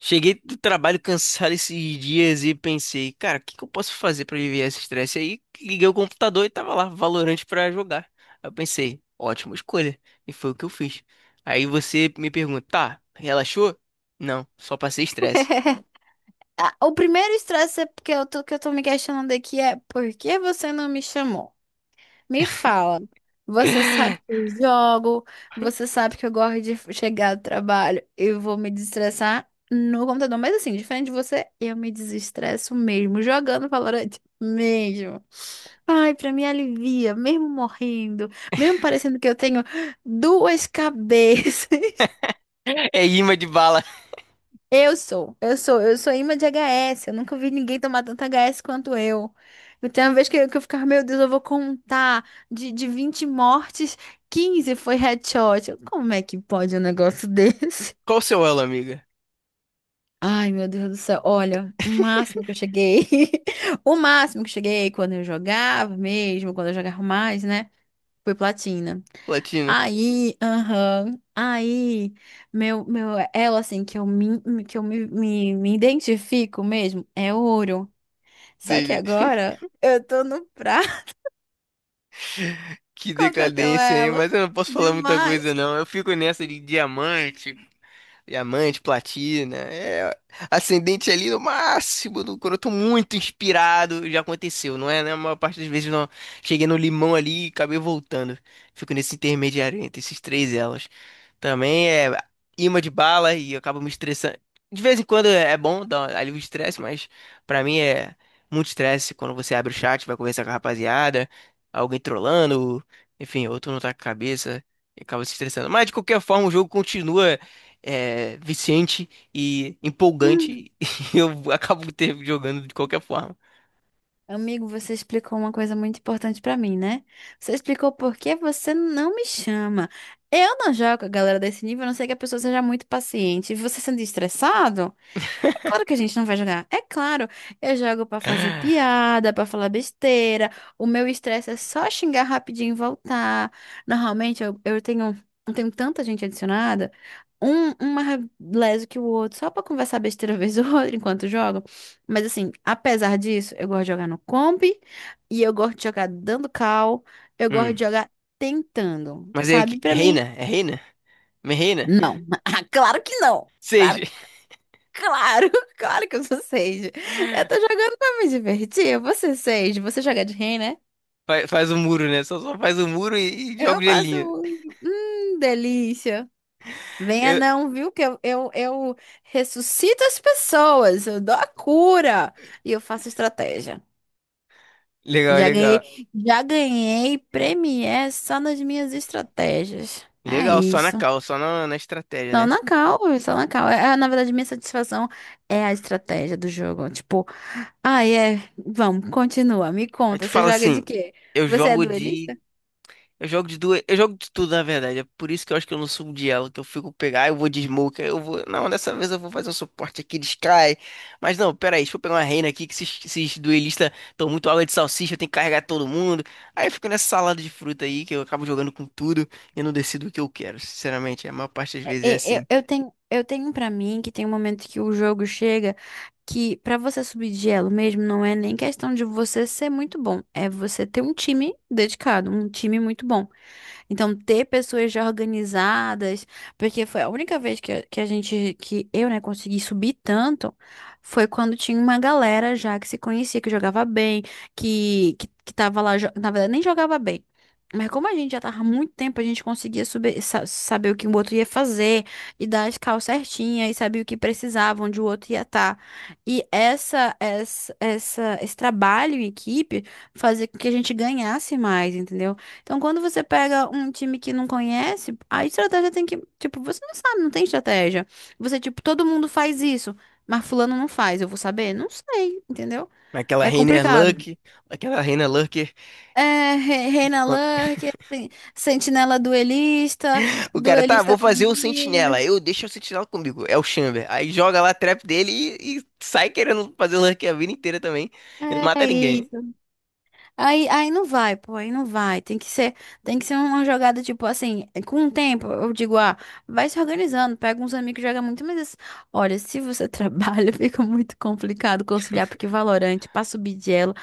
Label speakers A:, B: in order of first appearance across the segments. A: Cheguei do trabalho cansado esses dias e pensei, cara, o que eu posso fazer pra aliviar esse estresse? Aí liguei o computador e tava lá, Valorant pra jogar. Aí eu pensei, ótima escolha. E foi o que eu fiz. Aí você me pergunta, tá, relaxou? Não, só passei estresse.
B: Ah, o primeiro estresse é porque eu tô me questionando aqui é por que você não me chamou? Me fala. Você sabe que eu jogo, você sabe que eu gosto de chegar do trabalho, eu vou me desestressar no computador. Mas assim, diferente de você, eu me desestresso mesmo, jogando Valorant mesmo. Ai, pra mim alivia, mesmo morrendo, mesmo parecendo que eu tenho duas cabeças.
A: É imã de bala.
B: Eu sou imã de HS. Eu nunca vi ninguém tomar tanto HS quanto eu. Eu tenho uma vez que eu ficava, meu Deus, eu vou contar. De 20 mortes, 15 foi headshot. Como é que pode um negócio desse?
A: Qual o seu elo, amiga?
B: Ai, meu Deus do céu. Olha, o máximo que eu cheguei. O máximo que eu cheguei quando eu jogava mesmo, quando eu jogava mais, né? Foi platina.
A: Platina.
B: Aí, aham, aí, meu, ela assim, que eu me, me, me identifico mesmo, é ouro. Só que
A: Entendi.
B: agora eu tô no prato.
A: Que
B: Qual que é o teu
A: decadência, hein?
B: elo?
A: Mas eu não posso falar muita coisa,
B: Demais.
A: não. Eu fico nessa de diamante. Diamante, platina, é ascendente ali no máximo, do, quando eu tô muito inspirado, já aconteceu, não é? Né? A maior parte das vezes não cheguei no limão ali e acabei voltando. Fico nesse intermediário entre esses três elos. Também é imã de bala e eu acabo me estressando. De vez em quando é bom, dar um alívio de estresse, mas pra mim é muito estresse quando você abre o chat, vai conversar com a rapaziada, alguém trollando, enfim, outro não tá com a cabeça e acaba se estressando. Mas de qualquer forma, o jogo continua é, viciante e
B: Hum.
A: empolgante e eu acabo ter jogando de qualquer forma.
B: Amigo, você explicou uma coisa muito importante pra mim, né? Você explicou por que você não me chama. Eu não jogo com a galera desse nível, a não ser que a pessoa seja muito paciente. E você sendo estressado? Claro que a gente não vai jogar. É claro, eu jogo pra fazer piada, pra falar besteira. O meu estresse é só xingar rapidinho e voltar. Normalmente eu tenho tanta gente adicionada, um mais leso que o outro, só pra conversar besteira vez ou outra enquanto jogo. Mas assim, apesar disso, eu gosto de jogar no comp e eu gosto de jogar dando cal, eu gosto
A: Hum.
B: de jogar tentando,
A: Mas aí,
B: sabe? Pra
A: reina,
B: mim,
A: é reina? Me reina?
B: não. Claro que não.
A: Seja.
B: Claro, claro que eu sou Sage. Eu tô jogando pra me divertir. Você, Sage, você joga de rei, né?
A: Faz o muro, né? Só faz o muro e joga o
B: Eu faço
A: gelinho.
B: um... delícia. Venha
A: Eu-
B: não, viu? Que eu ressuscito as pessoas, eu dou a cura e eu faço estratégia.
A: Legal,
B: Já ganhei,
A: legal.
B: já ganhei premier só nas minhas estratégias. É
A: Legal, só na
B: isso.
A: cal, só na, na estratégia,
B: Só
A: né?
B: na cal, só na cal. É, na verdade, minha satisfação é a estratégia do jogo. Tipo, ah, é. Vamos, continua, me
A: Aí tu
B: conta. Você
A: fala
B: joga de
A: assim,
B: quê?
A: eu
B: Você é
A: jogo de.
B: duelista?
A: Eu jogo de duas, eu jogo de tudo, na verdade. É por isso que eu acho que eu não subo de elo, que eu fico pegar, eu vou de smoke, aí eu vou, não, dessa vez eu vou fazer um suporte aqui de Sky. Mas não, pera aí, deixa eu pegar uma reina aqui que esses duelistas estão muito água de salsicha, eu tenho que carregar todo mundo. Aí eu fico nessa salada de fruta aí que eu acabo jogando com tudo e não decido o que eu quero, sinceramente, a maior parte das
B: É,
A: vezes é
B: é,
A: assim.
B: Eu, eu tenho, eu tenho pra mim que tem um momento que o jogo chega que pra você subir de elo mesmo não é nem questão de você ser muito bom, é você ter um time dedicado, um time muito bom. Então, ter pessoas já organizadas, porque foi a única vez que eu, né, consegui subir tanto, foi quando tinha uma galera já que se conhecia, que jogava bem, que tava lá, na verdade, nem jogava bem. Mas como a gente já tava há muito tempo, a gente conseguia subir, saber o que o outro ia fazer, e dar as calças certinhas e saber o que precisava, onde o outro ia estar. E esse trabalho em equipe fazia com que a gente ganhasse mais, entendeu? Então, quando você pega um time que não conhece, a estratégia tem que, tipo, você não sabe, não tem estratégia. Você, tipo, todo mundo faz isso, mas fulano não faz, eu vou saber? Não sei, entendeu?
A: Aquela
B: É
A: reina é
B: complicado.
A: Lurk, aquela reina Lurker.
B: É, Reina Lurker, sentinela duelista,
A: O cara, tá, vou
B: duelista com
A: fazer o sentinela.
B: milho.
A: Eu deixo o sentinela comigo. É o Chamber. Aí joga lá a trap dele e sai querendo fazer o rank a vida inteira também. E não
B: É
A: mata ninguém.
B: isso. Aí não vai, pô, aí não vai. Tem que ser uma jogada tipo assim, com o tempo, eu digo, ah, vai se organizando, pega uns amigos, joga muito, mas assim, olha, se você trabalha, fica muito complicado conciliar, porque Valorante, pra subir de elo,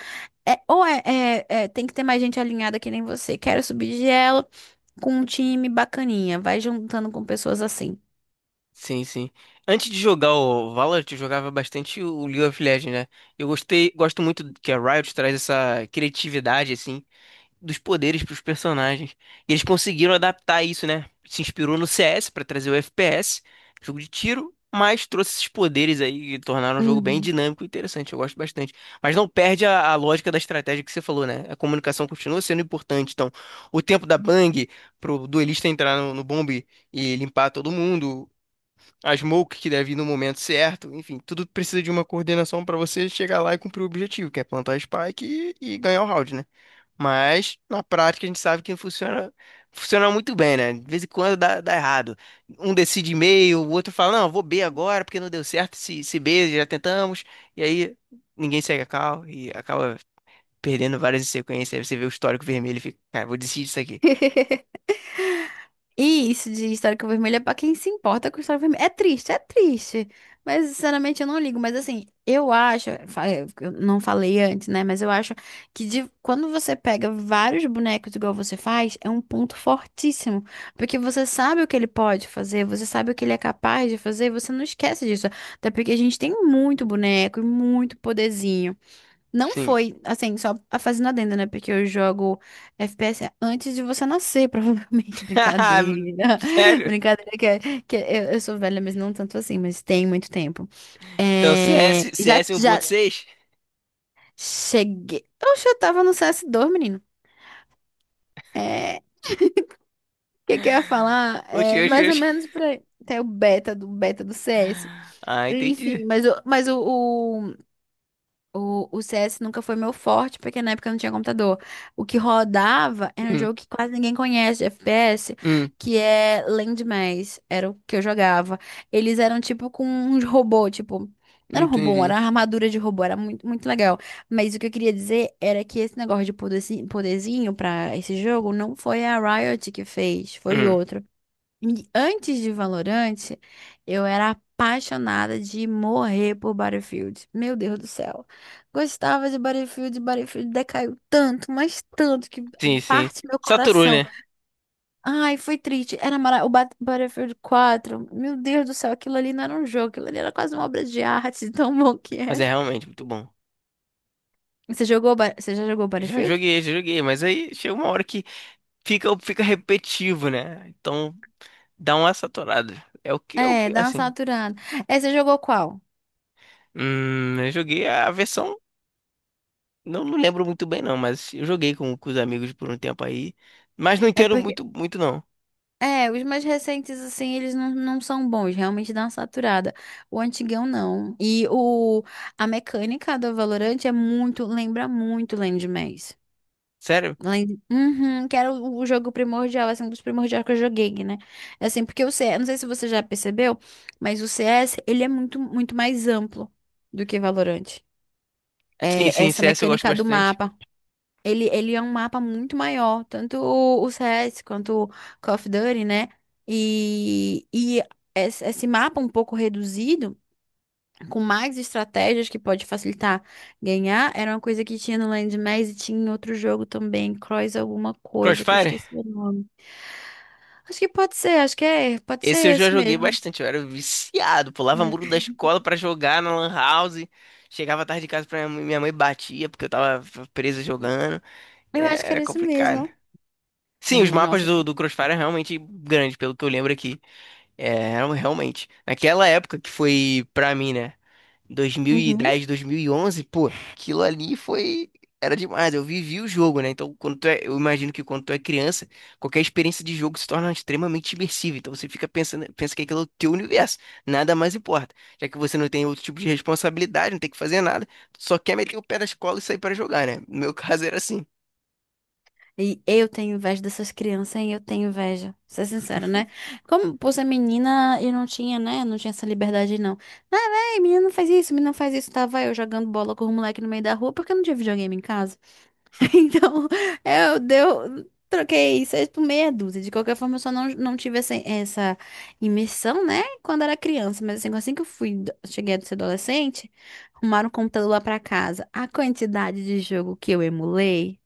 B: é, ou é, é- é, tem que ter mais gente alinhada que nem você. Quero subir de elo com um time bacaninha, vai juntando com pessoas assim.
A: Sim, sim. Antes de jogar o Valorant, eu jogava bastante o League of Legends, né? Eu gostei, gosto muito que a Riot traz essa criatividade, assim, dos poderes para os personagens. E eles conseguiram adaptar isso, né? Se inspirou no CS para trazer o FPS, jogo de tiro, mas trouxe esses poderes aí que tornaram o jogo bem
B: Uhum.
A: dinâmico e interessante. Eu gosto bastante. Mas não perde a lógica da estratégia que você falou, né? A comunicação continua sendo importante. Então, o tempo da Bang pro duelista entrar no bombe e limpar todo mundo. A smoke que deve ir no momento certo, enfim, tudo precisa de uma coordenação para você chegar lá e cumprir o objetivo, que é plantar a spike e ganhar o round, né? Mas na prática a gente sabe que funciona, funciona muito bem, né? De vez em quando dá, dá errado. Um decide meio o outro fala, não, eu vou B agora porque não deu certo, se B já tentamos, e aí ninguém segue a cal e acaba perdendo várias em sequência. Aí você vê o histórico vermelho e fica, cara, vou decidir isso aqui.
B: E isso de histórico vermelho é pra quem se importa com história vermelha. É triste, é triste. Mas, sinceramente, eu não ligo. Mas, assim, eu acho. Eu não falei antes, né? Mas eu acho que quando você pega vários bonecos igual você faz, é um ponto fortíssimo. Porque você sabe o que ele pode fazer, você sabe o que ele é capaz de fazer, você não esquece disso. Até porque a gente tem muito boneco e muito poderzinho. Não
A: Sim.
B: foi, assim, só a fazendo adendo, né? Porque eu jogo FPS antes de você nascer, provavelmente. Brincadeira.
A: Sério?
B: Brincadeira, eu sou velha, mas não tanto assim, mas tem muito tempo.
A: Então
B: É,
A: CS,
B: já,
A: CS
B: já
A: 1.6?
B: cheguei. Oxe, eu tava no CS2, menino. É, o que que eu ia falar?
A: Oxi,
B: É
A: oxi,
B: mais ou
A: oxi.
B: menos por aí. Tem o beta do CS.
A: Ah, entendi.
B: Enfim, mas o CS nunca foi meu forte, porque na época eu não tinha computador. O que rodava era um
A: Hum,
B: jogo que quase ninguém conhece, de FPS,
A: hum,
B: que é Landmass. Era o que eu jogava. Eles eram tipo com uns robô, tipo. Não era um robô,
A: entendi.
B: era uma armadura de robô, era muito, muito legal. Mas o que eu queria dizer era que esse negócio de poderzinho pra esse jogo não foi a Riot que fez, foi
A: Hum,
B: outro. E antes de Valorant, eu era apaixonada de morrer por Battlefield. Meu Deus do céu. Gostava de Battlefield, Battlefield decaiu tanto, mas tanto que
A: sim, sim.
B: parte meu
A: Saturou,
B: coração.
A: né?
B: Ai, foi triste. Era mara... o Battlefield 4. Meu Deus do céu, aquilo ali não era um jogo, aquilo ali era quase uma obra de arte, de tão bom que
A: Mas é
B: era.
A: realmente muito bom.
B: Você jogou, você já jogou Battlefield?
A: Já joguei, mas aí chega uma hora que fica, fica repetitivo, né? Então dá uma saturada. É o
B: É,
A: que,
B: dá uma
A: assim.
B: saturada. É, você jogou qual?
A: Eu joguei a versão, não, não lembro muito bem não, mas eu joguei com os amigos por um tempo aí, mas não
B: É
A: entendo
B: porque
A: muito, muito não.
B: É, os mais recentes, assim, eles não são bons, realmente dá uma saturada. O antigão não. A mecânica do Valorant é muito, lembra muito Land Maze.
A: Sério?
B: Land, uhum, que era o jogo primordial, assim, um dos primordiais que eu joguei, né? É Assim, porque o CS, não sei se você já percebeu, mas o CS, ele é muito, muito mais amplo do que Valorant.
A: Sim,
B: É,
A: sim,
B: essa
A: CS eu gosto
B: mecânica do
A: bastante.
B: mapa, ele é um mapa muito maior, tanto o CS quanto o Call of Duty, né? E esse mapa um pouco reduzido, com mais estratégias que pode facilitar ganhar, era uma coisa que tinha no Land Mass e tinha em outro jogo também, Cross alguma coisa, que eu
A: Crossfire?
B: esqueci o nome. Acho que pode ser, acho que é, pode ser
A: Esse eu já
B: esse
A: joguei
B: mesmo.
A: bastante, eu era viciado, pulava muro da escola pra jogar na Lan House, chegava tarde de casa pra minha mãe batia porque eu tava presa jogando.
B: Eu acho
A: É,
B: que
A: era
B: era esse
A: complicado.
B: mesmo.
A: Sim, os
B: É,
A: mapas
B: nossa.
A: do,
B: Né?
A: do Crossfire é realmente grande, pelo que eu lembro aqui. É, eram realmente. Naquela época que foi pra mim, né?
B: Uhum.
A: 2010, 2011, pô, aquilo ali foi. Era demais. Eu vivi o jogo, né? Então, quando tu é... eu imagino que quando tu é criança, qualquer experiência de jogo se torna extremamente imersiva. Então, você fica pensando, pensa que aquilo é o teu universo. Nada mais importa. Já que você não tem outro tipo de responsabilidade, não tem que fazer nada, só quer meter o pé na escola e sair pra jogar, né? No meu caso era assim.
B: E eu tenho inveja dessas crianças, hein? Eu tenho inveja. Ser sincera, né? Como por ser menina, eu não tinha, né? Não tinha essa liberdade, não. Ah, véi, menina não faz isso, menina não faz isso. Tava eu jogando bola com o moleque no meio da rua porque eu não tinha videogame em casa. Então, eu deu. Troquei seis por meia dúzia. De qualquer forma, eu só não tive essa imersão, né? Quando era criança. Mas assim, assim que eu fui, cheguei a ser adolescente, arrumaram um computador lá pra casa. A quantidade de jogo que eu emulei.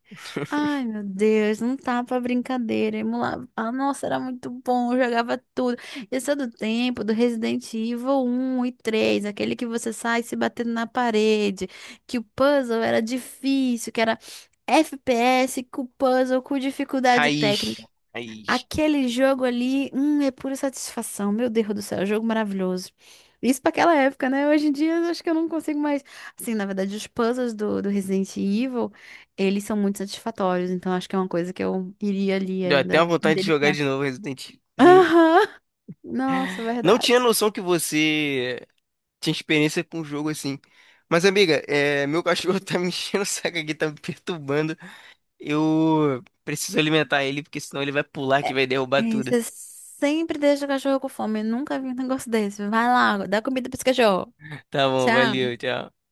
B: Ai, meu Deus, não tá pra brincadeira. Emulava. Ah, nossa, era muito bom, eu jogava tudo. Esse é do tempo do Resident Evil um e 3 aquele que você sai se batendo na parede, que o puzzle era difícil, que era FPS com puzzle com dificuldade técnica.
A: Raiz. Raiz.
B: Aquele jogo ali, é pura satisfação. Meu Deus do céu, jogo maravilhoso. Isso pra aquela época, né? Hoje em dia, eu acho que eu não consigo mais. Assim, na verdade, os puzzles do Resident Evil, eles são muito satisfatórios. Então, acho que é uma coisa que eu iria ali
A: Deu até
B: ainda
A: uma
B: me
A: vontade de jogar
B: deliciar.
A: de novo Resident Evilzinho.
B: Aham! Nossa,
A: Não tinha
B: verdade.
A: noção que você tinha experiência com o jogo assim. Mas, amiga, é, meu cachorro tá me enchendo o saco aqui, tá me perturbando. Eu preciso alimentar ele, porque senão ele vai pular que
B: É,
A: vai derrubar tudo.
B: você sempre deixa o cachorro com fome. Eu nunca vi um negócio desse. Vai lá, dá comida pra esse cachorro.
A: Tá bom,
B: Tchau.
A: valeu, tchau.